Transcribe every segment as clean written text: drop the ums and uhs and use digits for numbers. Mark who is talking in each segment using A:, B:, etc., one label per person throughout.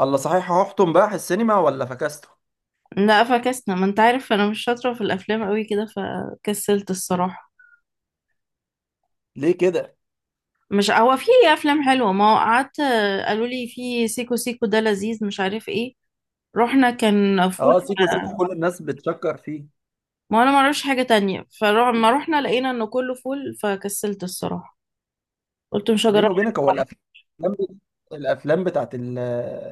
A: الله صحيح، هحطم بقى السينما ولا فكسته؟
B: لا، فكسنا. ما انت عارف، انا مش شاطرة في الافلام قوي كده، فكسلت الصراحة.
A: ليه كده؟
B: مش هو في افلام حلوة؟ ما هو قعدت. قالوا لي في سيكو سيكو ده لذيذ مش عارف ايه. رحنا كان فول.
A: اه سيكو سيكو، كل الناس بتشكر فيه.
B: ما انا ما اعرفش حاجة تانية، فلما رحنا لقينا انه كله فول فكسلت الصراحة. قلت مش
A: بيني
B: هجرب.
A: وبينك هو الافلام، الافلام بتاعت ال-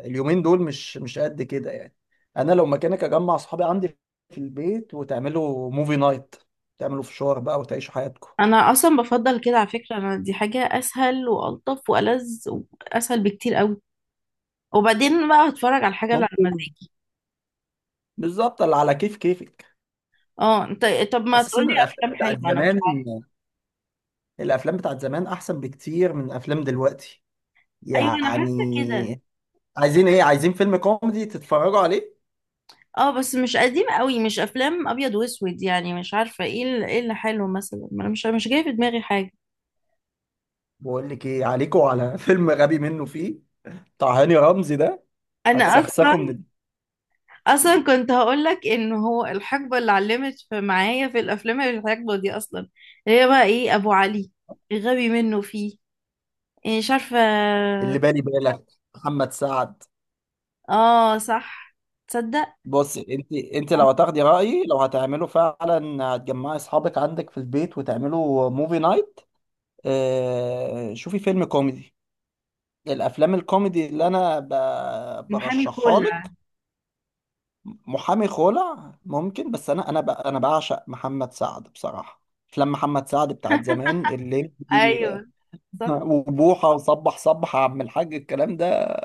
A: اليومين دول مش قد كده يعني. انا لو مكانك اجمع اصحابي عندي في البيت وتعملوا موفي نايت، تعملوا فشار بقى وتعيشوا حياتكم.
B: انا اصلا بفضل كده على فكرة، انا دي حاجة اسهل والطف والذ واسهل بكتير قوي. وبعدين بقى هتفرج على الحاجة اللي على
A: ممكن.
B: مزاجي.
A: بالظبط، اللي على كيف كيفك.
B: اه انت، طب ما
A: اساسا
B: تقولي
A: الافلام
B: افلام
A: بتاعت
B: حلوة. انا مش
A: زمان،
B: عارفة.
A: الافلام بتاعت زمان احسن بكتير من افلام دلوقتي
B: ايوه انا حاسة كده.
A: يعني. عايزين ايه؟ عايزين فيلم كوميدي تتفرجوا عليه؟
B: اه بس مش قديم قوي، مش افلام ابيض واسود يعني، مش عارفه ايه ايه اللي حلو مثلا. ما انا مش جايه في دماغي حاجه.
A: بقول لك ايه، عليكوا على فيلم غبي منه فيه، بتاع هاني رمزي ده.
B: انا اصلا
A: هتسخسخه من ال-
B: اصلا كنت هقول لك ان هو الحقبه اللي علمت في معايا في الافلام هي الحقبه دي اصلا، اللي هي بقى ايه، ابو علي، غبي منه فيه، إيه، مش عارفه.
A: اللي بالي بالك، محمد سعد.
B: اه صح. تصدق
A: بص، انت لو هتاخدي رايي، لو هتعمله فعلا هتجمعي اصحابك عندك في البيت وتعملوا موفي نايت. اه شوفي فيلم كوميدي، الافلام الكوميدي اللي
B: محامي
A: برشحها
B: كولا؟
A: لك. محامي خلع ممكن، بس انا بعشق محمد سعد بصراحه. افلام محمد سعد بتاعت زمان، الليمبي
B: ايوه صح.
A: وبوحة وصبح صبح يا عم الحاج الكلام ده،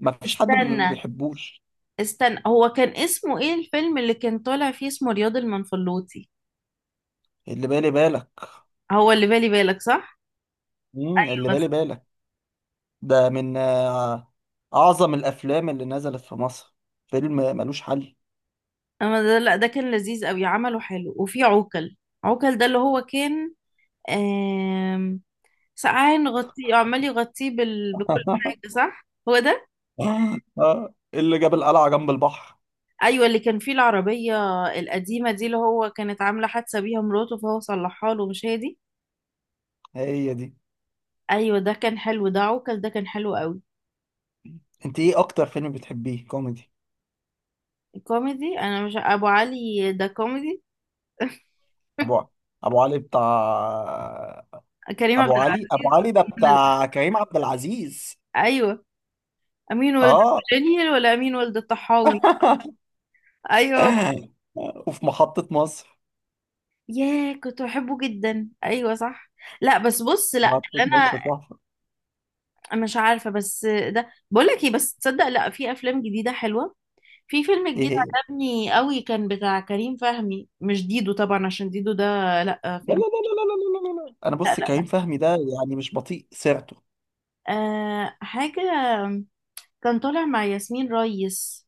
A: ما فيش حد ما
B: استنى
A: بيحبوش.
B: استنى، هو كان اسمه ايه الفيلم اللي كان طالع فيه؟ اسمه رياض المنفلوطي.
A: اللي بالي بالك.
B: هو اللي بالي بالك، صح.
A: اللي بالي بالك، ده من أعظم الأفلام اللي نزلت في مصر، فيلم ملوش حل.
B: اما ده لا، ده كان لذيذ قوي، عمله حلو، وفي عوكل. عوكل ده اللي هو كان آم، سقعان غطيه، عمال يغطيه بكل حاجه، صح هو ده؟
A: اللي جاب القلعة جنب البحر.
B: ايوه، اللي كان فيه العربيه القديمه دي، اللي هو كانت عامله حادثه بيها مراته فهو صلحها له، مش هي دي؟
A: هي دي.
B: ايوه ده كان حلو، ده عوكل ده كان حلو قوي.
A: انت ايه أكتر فيلم بتحبيه كوميدي؟
B: كوميدي؟ انا مش ابو علي ده كوميدي؟
A: أبو أبو علي بتاع؟
B: كريم
A: أبو
B: عبد
A: علي،
B: العزيز
A: ده
B: ومنى زكي.
A: بتاع كريم عبد العزيز.
B: ايوه، امين ولد
A: اه.
B: الجنيل ولا امين ولد الطحاوي. ايوه.
A: وفي محطة مصر.
B: ياه كنت بحبه جدا، ايوه صح. لا بس بص، لا
A: محطة
B: اللي
A: مصر تحفة.
B: انا مش عارفه. بس ده، بقول لك ايه، بس تصدق، لا في افلام جديده حلوه. في فيلم
A: ايه
B: جديد
A: هي؟
B: عجبني قوي، كان بتاع كريم فهمي، مش ديدو طبعا عشان ديدو ده لا
A: لا لا
B: فيلم.
A: لا لا لا لا لا لا لا. انا
B: لا
A: بص،
B: لا لا.
A: كريم فهمي ده يعني مش بطيء سيرته.
B: حاجه كان طالع مع ياسمين ريس.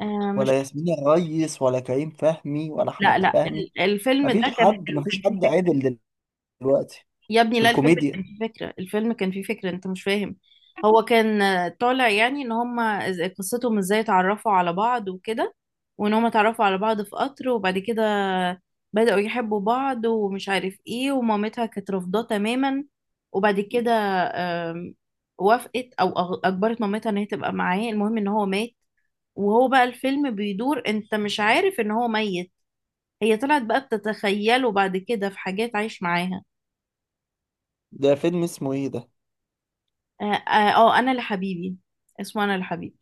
B: آه، مش.
A: ولا ياسمين الريس، ولا كريم فهمي، ولا
B: لا
A: احمد
B: لا
A: فهمي.
B: الفيلم ده
A: مفيش
B: كان
A: حد
B: حلو كان
A: مفيش
B: حلو.
A: حد عادل دلوقتي
B: يا ابني
A: في
B: لا، الفيلم
A: الكوميديا.
B: كان فيه فكرة الفيلم كان فيه فكرة انت مش فاهم. هو كان طالع يعني ان هما قصتهم ازاي اتعرفوا على بعض وكده، وان هما اتعرفوا على بعض في قطر. وبعد كده بدأوا يحبوا بعض ومش عارف ايه، ومامتها كانت رافضاه تماما. وبعد كده آم، وافقت او اجبرت مامتها ان هي تبقى معاه. المهم ان هو مات، وهو بقى الفيلم بيدور، انت مش عارف ان هو ميت. هي طلعت بقى بتتخيله بعد كده في حاجات عايش معاها.
A: ده فيلم اسمه ايه ده؟
B: اه، انا لحبيبي. اسمه انا لحبيبي.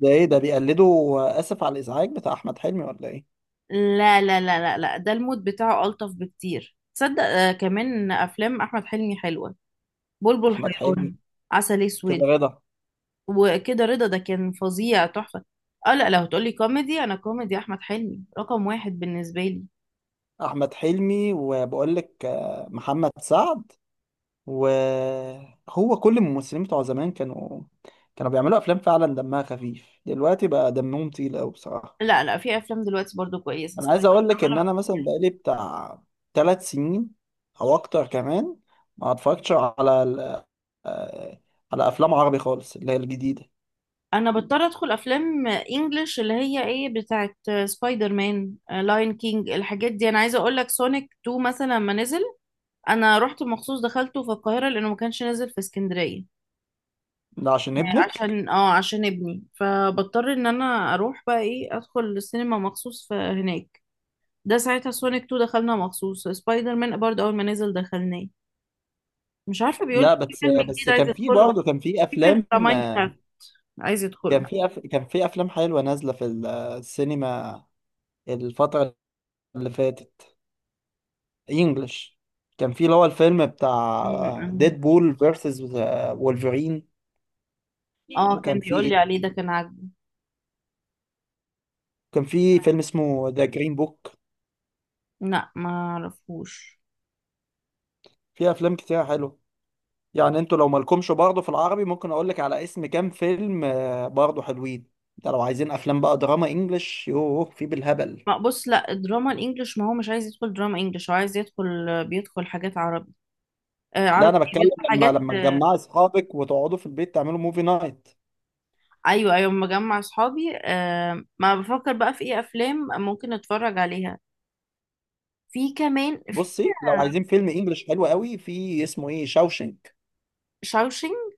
A: ده ايه ده، بيقلدوا اسف على الازعاج بتاع احمد حلمي ولا ايه؟
B: لا لا لا لا لا، ده المود بتاعه ألطف بكتير تصدق. كمان أفلام أحمد حلمي حلوة، بلبل
A: احمد حلمي.
B: حيران، عسل
A: كده
B: أسود،
A: رضا.
B: وكده رضا ده كان فظيع تحفة. اه لا، لو هتقولي كوميدي، أنا كوميدي أحمد حلمي رقم واحد بالنسبة لي.
A: احمد حلمي، وبقول لك محمد سعد. وهو كل الممثلين بتوع زمان كانوا، كانوا بيعملوا افلام فعلا دمها خفيف، دلوقتي بقى دمهم تقيل قوي بصراحة.
B: لا لا، في أفلام دلوقتي برضو كويسة.
A: انا عايز اقول لك ان انا مثلا بقالي بتاع ثلاث سنين او اكتر كمان ما اتفرجتش على ال- آه، على افلام عربي خالص اللي هي الجديده.
B: أنا بضطر أدخل أفلام إنجلش اللي هي إيه، بتاعت سبايدر مان، لاين كينج، الحاجات دي. أنا عايزة أقولك سونيك 2 مثلا، لما نزل انا رحت مخصوص دخلته في القاهره لانه ما كانش نازل في اسكندريه.
A: ده عشان ابنك.
B: عشان ابني، فبضطر ان انا اروح بقى ايه ادخل السينما مخصوص في هناك. ده ساعتها سونيك 2 دخلنا مخصوص، سبايدر مان برضه اول ما نزل دخلناه. مش عارفه، بيقول لي
A: لا
B: في
A: بس
B: فيلم جديد
A: بس
B: عايز
A: كان في
B: ادخله،
A: برضه، كان في
B: في فيلم
A: افلام،
B: بتاع ماينكرافت عايز ادخله.
A: كان في افلام حلوه نازله في ال- آه، السينما الفتره اللي فاتت، انجلش. كان في اللي هو الفيلم
B: م-
A: بتاع
B: م-
A: ديد بول فيرسز وولفرين.
B: اه كان
A: وكان في
B: بيقول لي
A: ايه،
B: عليه ده كان عاجبه.
A: كان في فيلم اسمه ذا جرين بوك.
B: لا ما اعرفوش.
A: في افلام كتير حلوه يعني. انتوا لو مالكمش برضه في العربي، ممكن اقول لك على اسم كام فيلم برضه حلوين. ده لو عايزين افلام بقى دراما انجلش، يوه في بالهبل.
B: ما بص، لا الدراما الانجليش، ما هو مش عايز يدخل دراما انجليش، هو عايز يدخل، بيدخل حاجات عربي. آه
A: لا
B: عربي،
A: انا بتكلم
B: بيدخل
A: لما
B: حاجات
A: لما تجمعي اصحابك وتقعدوا في البيت تعملوا موفي نايت.
B: ايوه ايوه. مجمع اصحابي، ما بفكر بقى في ايه افلام ممكن نتفرج عليها. في كمان في
A: بصي، لو عايزين فيلم انجلش حلو قوي، في اسمه ايه، شاوشنك.
B: شاوشينج.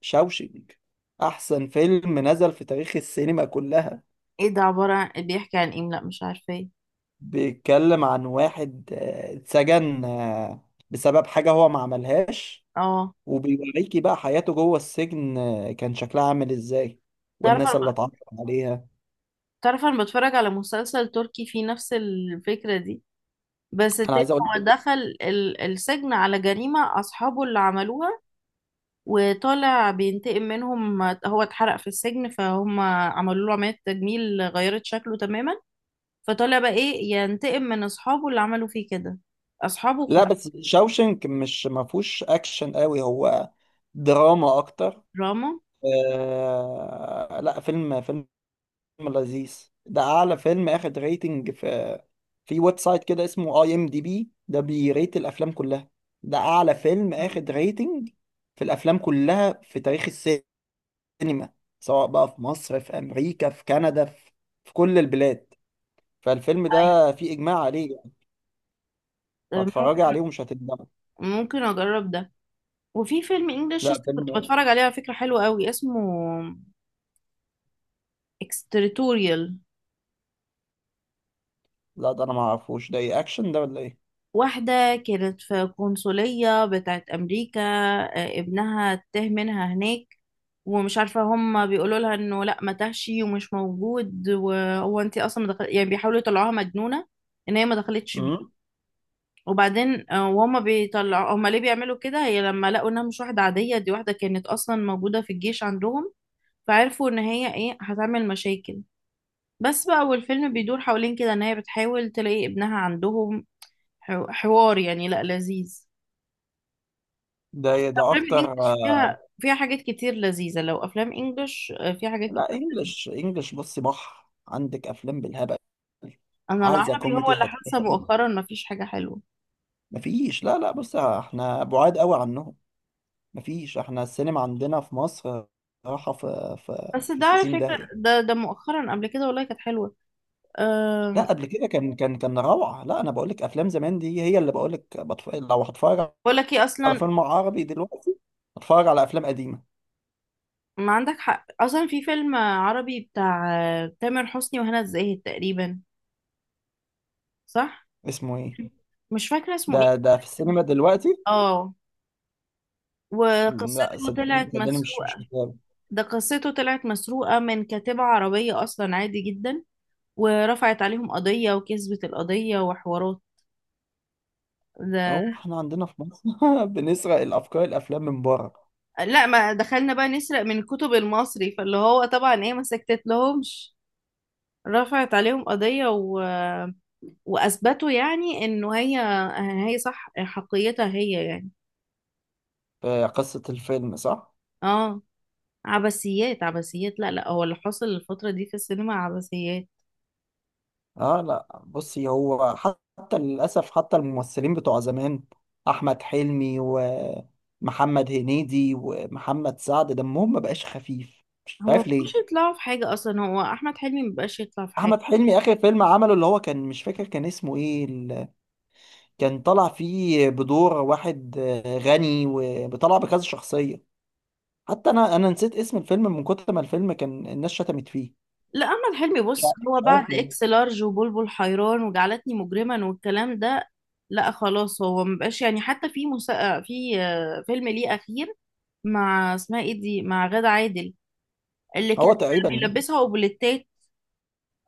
A: شاوشنك احسن فيلم نزل في تاريخ السينما كلها.
B: ايه ده، عبارة عن بيحكي عن ايه؟ لا مش عارفة ايه.
A: بيتكلم عن واحد اتسجن بسبب حاجة هو ما عملهاش،
B: اه
A: وبيوريكي بقى حياته جوه السجن، كان شكلها عامل ازاي،
B: تعرف،
A: والناس اللي اتعرف عليها.
B: انا بتفرج على مسلسل تركي فيه نفس الفكرة دي، بس
A: انا
B: التاني.
A: عايز اقول
B: هو
A: لك.
B: دخل السجن على جريمة اصحابه اللي عملوها، وطالع بينتقم منهم. هو اتحرق في السجن فهم عملوا له عملية تجميل غيرت شكله تماما، فطالع بقى ايه ينتقم من اصحابه اللي عملوا فيه كده. اصحابه
A: لا بس شاوشنك مش، ما فيهوش اكشن قوي، هو دراما اكتر.
B: دراما.
A: آه. لا فيلم، لذيذ. ده اعلى فيلم اخد ريتنج في، في ويب سايت كده اسمه اي ام دي بي، ده بيريت الافلام كلها. ده اعلى فيلم
B: مم.
A: اخد ريتنج في الافلام كلها في تاريخ السينما، السينما، سواء بقى في مصر، في امريكا، في كندا، في، في كل البلاد. فالفيلم
B: أيوة،
A: ده في اجماع عليه يعني.
B: ممكن،
A: فاتفرجي عليه ومش هتندمي.
B: ممكن اجرب ده. وفي فيلم انجلش
A: لا
B: كنت
A: فيلم.
B: بتفرج عليه على فكرة حلو قوي، اسمه اكستريتوريال.
A: لا ده انا ما اعرفوش ده، ايه اكشن ده ولا ايه؟
B: واحدة كانت في قنصلية بتاعت أمريكا، ابنها تاه منها هناك. ومش عارفة، هم بيقولوا لها انه لا، ما تهشي ومش موجود، وهو انت اصلا ما دخل... يعني بيحاولوا يطلعوها مجنونة ان هي ما دخلتش.
A: امم.
B: وبعدين وهما بيطلعوا، هما ليه بيعملوا كده؟ هي لما لقوا انها مش واحدة عادية، دي واحدة كانت اصلا موجودة في الجيش عندهم، فعرفوا ان هي ايه هتعمل مشاكل. بس بقى، والفيلم بيدور حوالين كده ان هي بتحاول تلاقي ابنها عندهم. حوار يعني، لا لذيذ.
A: ده إيه ده
B: افلام
A: اكتر؟
B: الانجليش فيها حاجات كتير لذيذة. لو افلام انجليش فيها حاجات
A: لا
B: كتير لذيذة.
A: انجلش، انجلش بصي بحر، عندك افلام بالهبل.
B: انا
A: عايزه
B: العربي هو
A: كوميدي
B: اللي حاسة
A: هتلاقي.
B: مؤخرا مفيش حاجة حلوة.
A: مفيش. لا لا، بص احنا بعاد قوي عنهم. مفيش، احنا السينما عندنا في مصر راحه في في
B: بس
A: في
B: ده على
A: 60
B: فكرة،
A: داهيه.
B: ده مؤخرا، قبل كده والله كانت حلوة.
A: لا
B: أم،
A: قبل كده كان روعه. لا انا بقول لك افلام زمان دي، هي اللي بقول لك، لو هتفرج
B: بقول لك ايه
A: على
B: اصلا،
A: فيلم عربي دلوقتي، هتفرج على افلام قديمه.
B: ما عندك حق اصلا. في فيلم عربي بتاع تامر حسني وهنا الزاهد تقريبا، صح.
A: اسمه ايه
B: مش فاكره اسمه
A: ده؟
B: ايه.
A: ده في السينما دلوقتي.
B: اه،
A: لا
B: وقصته
A: صدقني،
B: طلعت
A: صدقني، مش
B: مسروقه.
A: متابع.
B: ده قصته طلعت مسروقه من كاتبه عربيه اصلا، عادي جدا، ورفعت عليهم قضيه وكسبت القضيه وحوارات. ده
A: هو احنا عندنا في مصر بنسرق الافكار، الافلام من بره.
B: لا، ما دخلنا بقى نسرق من الكتب المصري، فاللي هو طبعا ايه، ما سكتت لهمش، رفعت عليهم قضية و... وأثبتوا يعني إنه هي، هي صح حقيتها هي يعني.
A: قصه الفيلم صح.
B: اه، عبثيات عبثيات، لا لا، هو اللي حصل الفترة دي في السينما عبثيات.
A: اه لا بصي، هو حتى للاسف، حتى الممثلين بتوع زمان، احمد حلمي ومحمد هنيدي ومحمد سعد، دمهم ما بقاش خفيف، مش
B: هو
A: عارف
B: مش
A: ليه.
B: يطلعوا في حاجة أصلا، هو أحمد حلمي مبقاش يطلع في حاجة.
A: احمد حلمي اخر فيلم عمله اللي هو كان، مش فاكر كان اسمه ايه كان طالع فيه بدور واحد غني وطلع بكذا شخصية. حتى انا نسيت اسم الفيلم من كتر ما الفيلم كان الناس شتمت فيه.
B: لا أحمد حلمي
A: مش
B: بص،
A: عارف
B: هو
A: مش
B: بعد
A: عارف ليه.
B: إكس لارج وبلبل حيران وجعلتني مجرما والكلام ده، لا خلاص، هو مبقاش يعني. حتى في فيلم ليه أخير مع اسمها ايه دي، مع غادة عادل، اللي كان
A: هو تقريبا.
B: بيلبسها اوبليتات.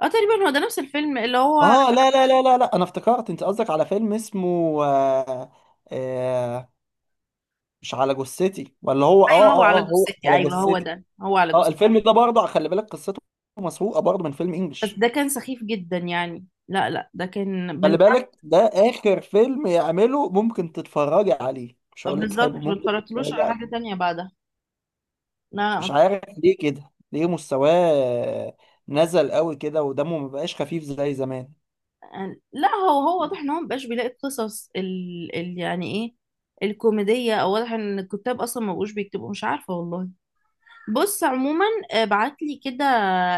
B: اه تقريبا هو ده نفس الفيلم اللي هو،
A: اه لا لا لا لا لا، انا افتكرت انت قصدك على فيلم اسمه آه، آه، مش على جثتي، ولا هو، اه
B: ايوه، هو على
A: اه اه، هو
B: جثتي،
A: على
B: ايوه هو
A: جثتي.
B: ده، هو على
A: اه
B: جثتي.
A: الفيلم ده برضه خلي بالك، قصته مسروقه برضه من فيلم
B: بس
A: انجلش.
B: ده كان سخيف جدا يعني، لا لا ده كان
A: خلي
B: من
A: بالك، ده اخر فيلم يعمله، ممكن تتفرجي عليه، مش هقول لك
B: بالظبط.
A: حلو،
B: ما
A: ممكن
B: اتفرجتلوش
A: تتفرجي
B: على حاجة
A: عليه.
B: تانية بعدها. لا.
A: مش عارف ليه كده، ليه مستواه نزل قوي كده ودمه مبقاش خفيف زي زمان.
B: لا لا، هو واضح ان هو مبقاش بيلاقي القصص يعني ايه الكوميدية، او واضح ان الكتاب اصلا ما بقوش بيكتبوا. مش عارفة والله. بص عموما، ابعت لي كده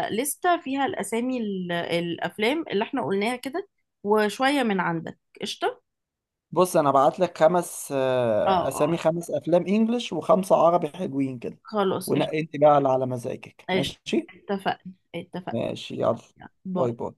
B: لستة فيها الاسامي، الافلام اللي احنا قلناها كده، وشوية من عندك. قشطة.
A: بص انا بعت لك خمس
B: اه اه.
A: اسامي، خمس افلام انجلش وخمسه عربي، حلوين كده.
B: خلاص.
A: ونقي انت بقى اللي على مزاجك،
B: قشطة.
A: ماشي.
B: اتفقنا اتفقنا.
A: ماشي يلا. باي.
B: باي.
A: باي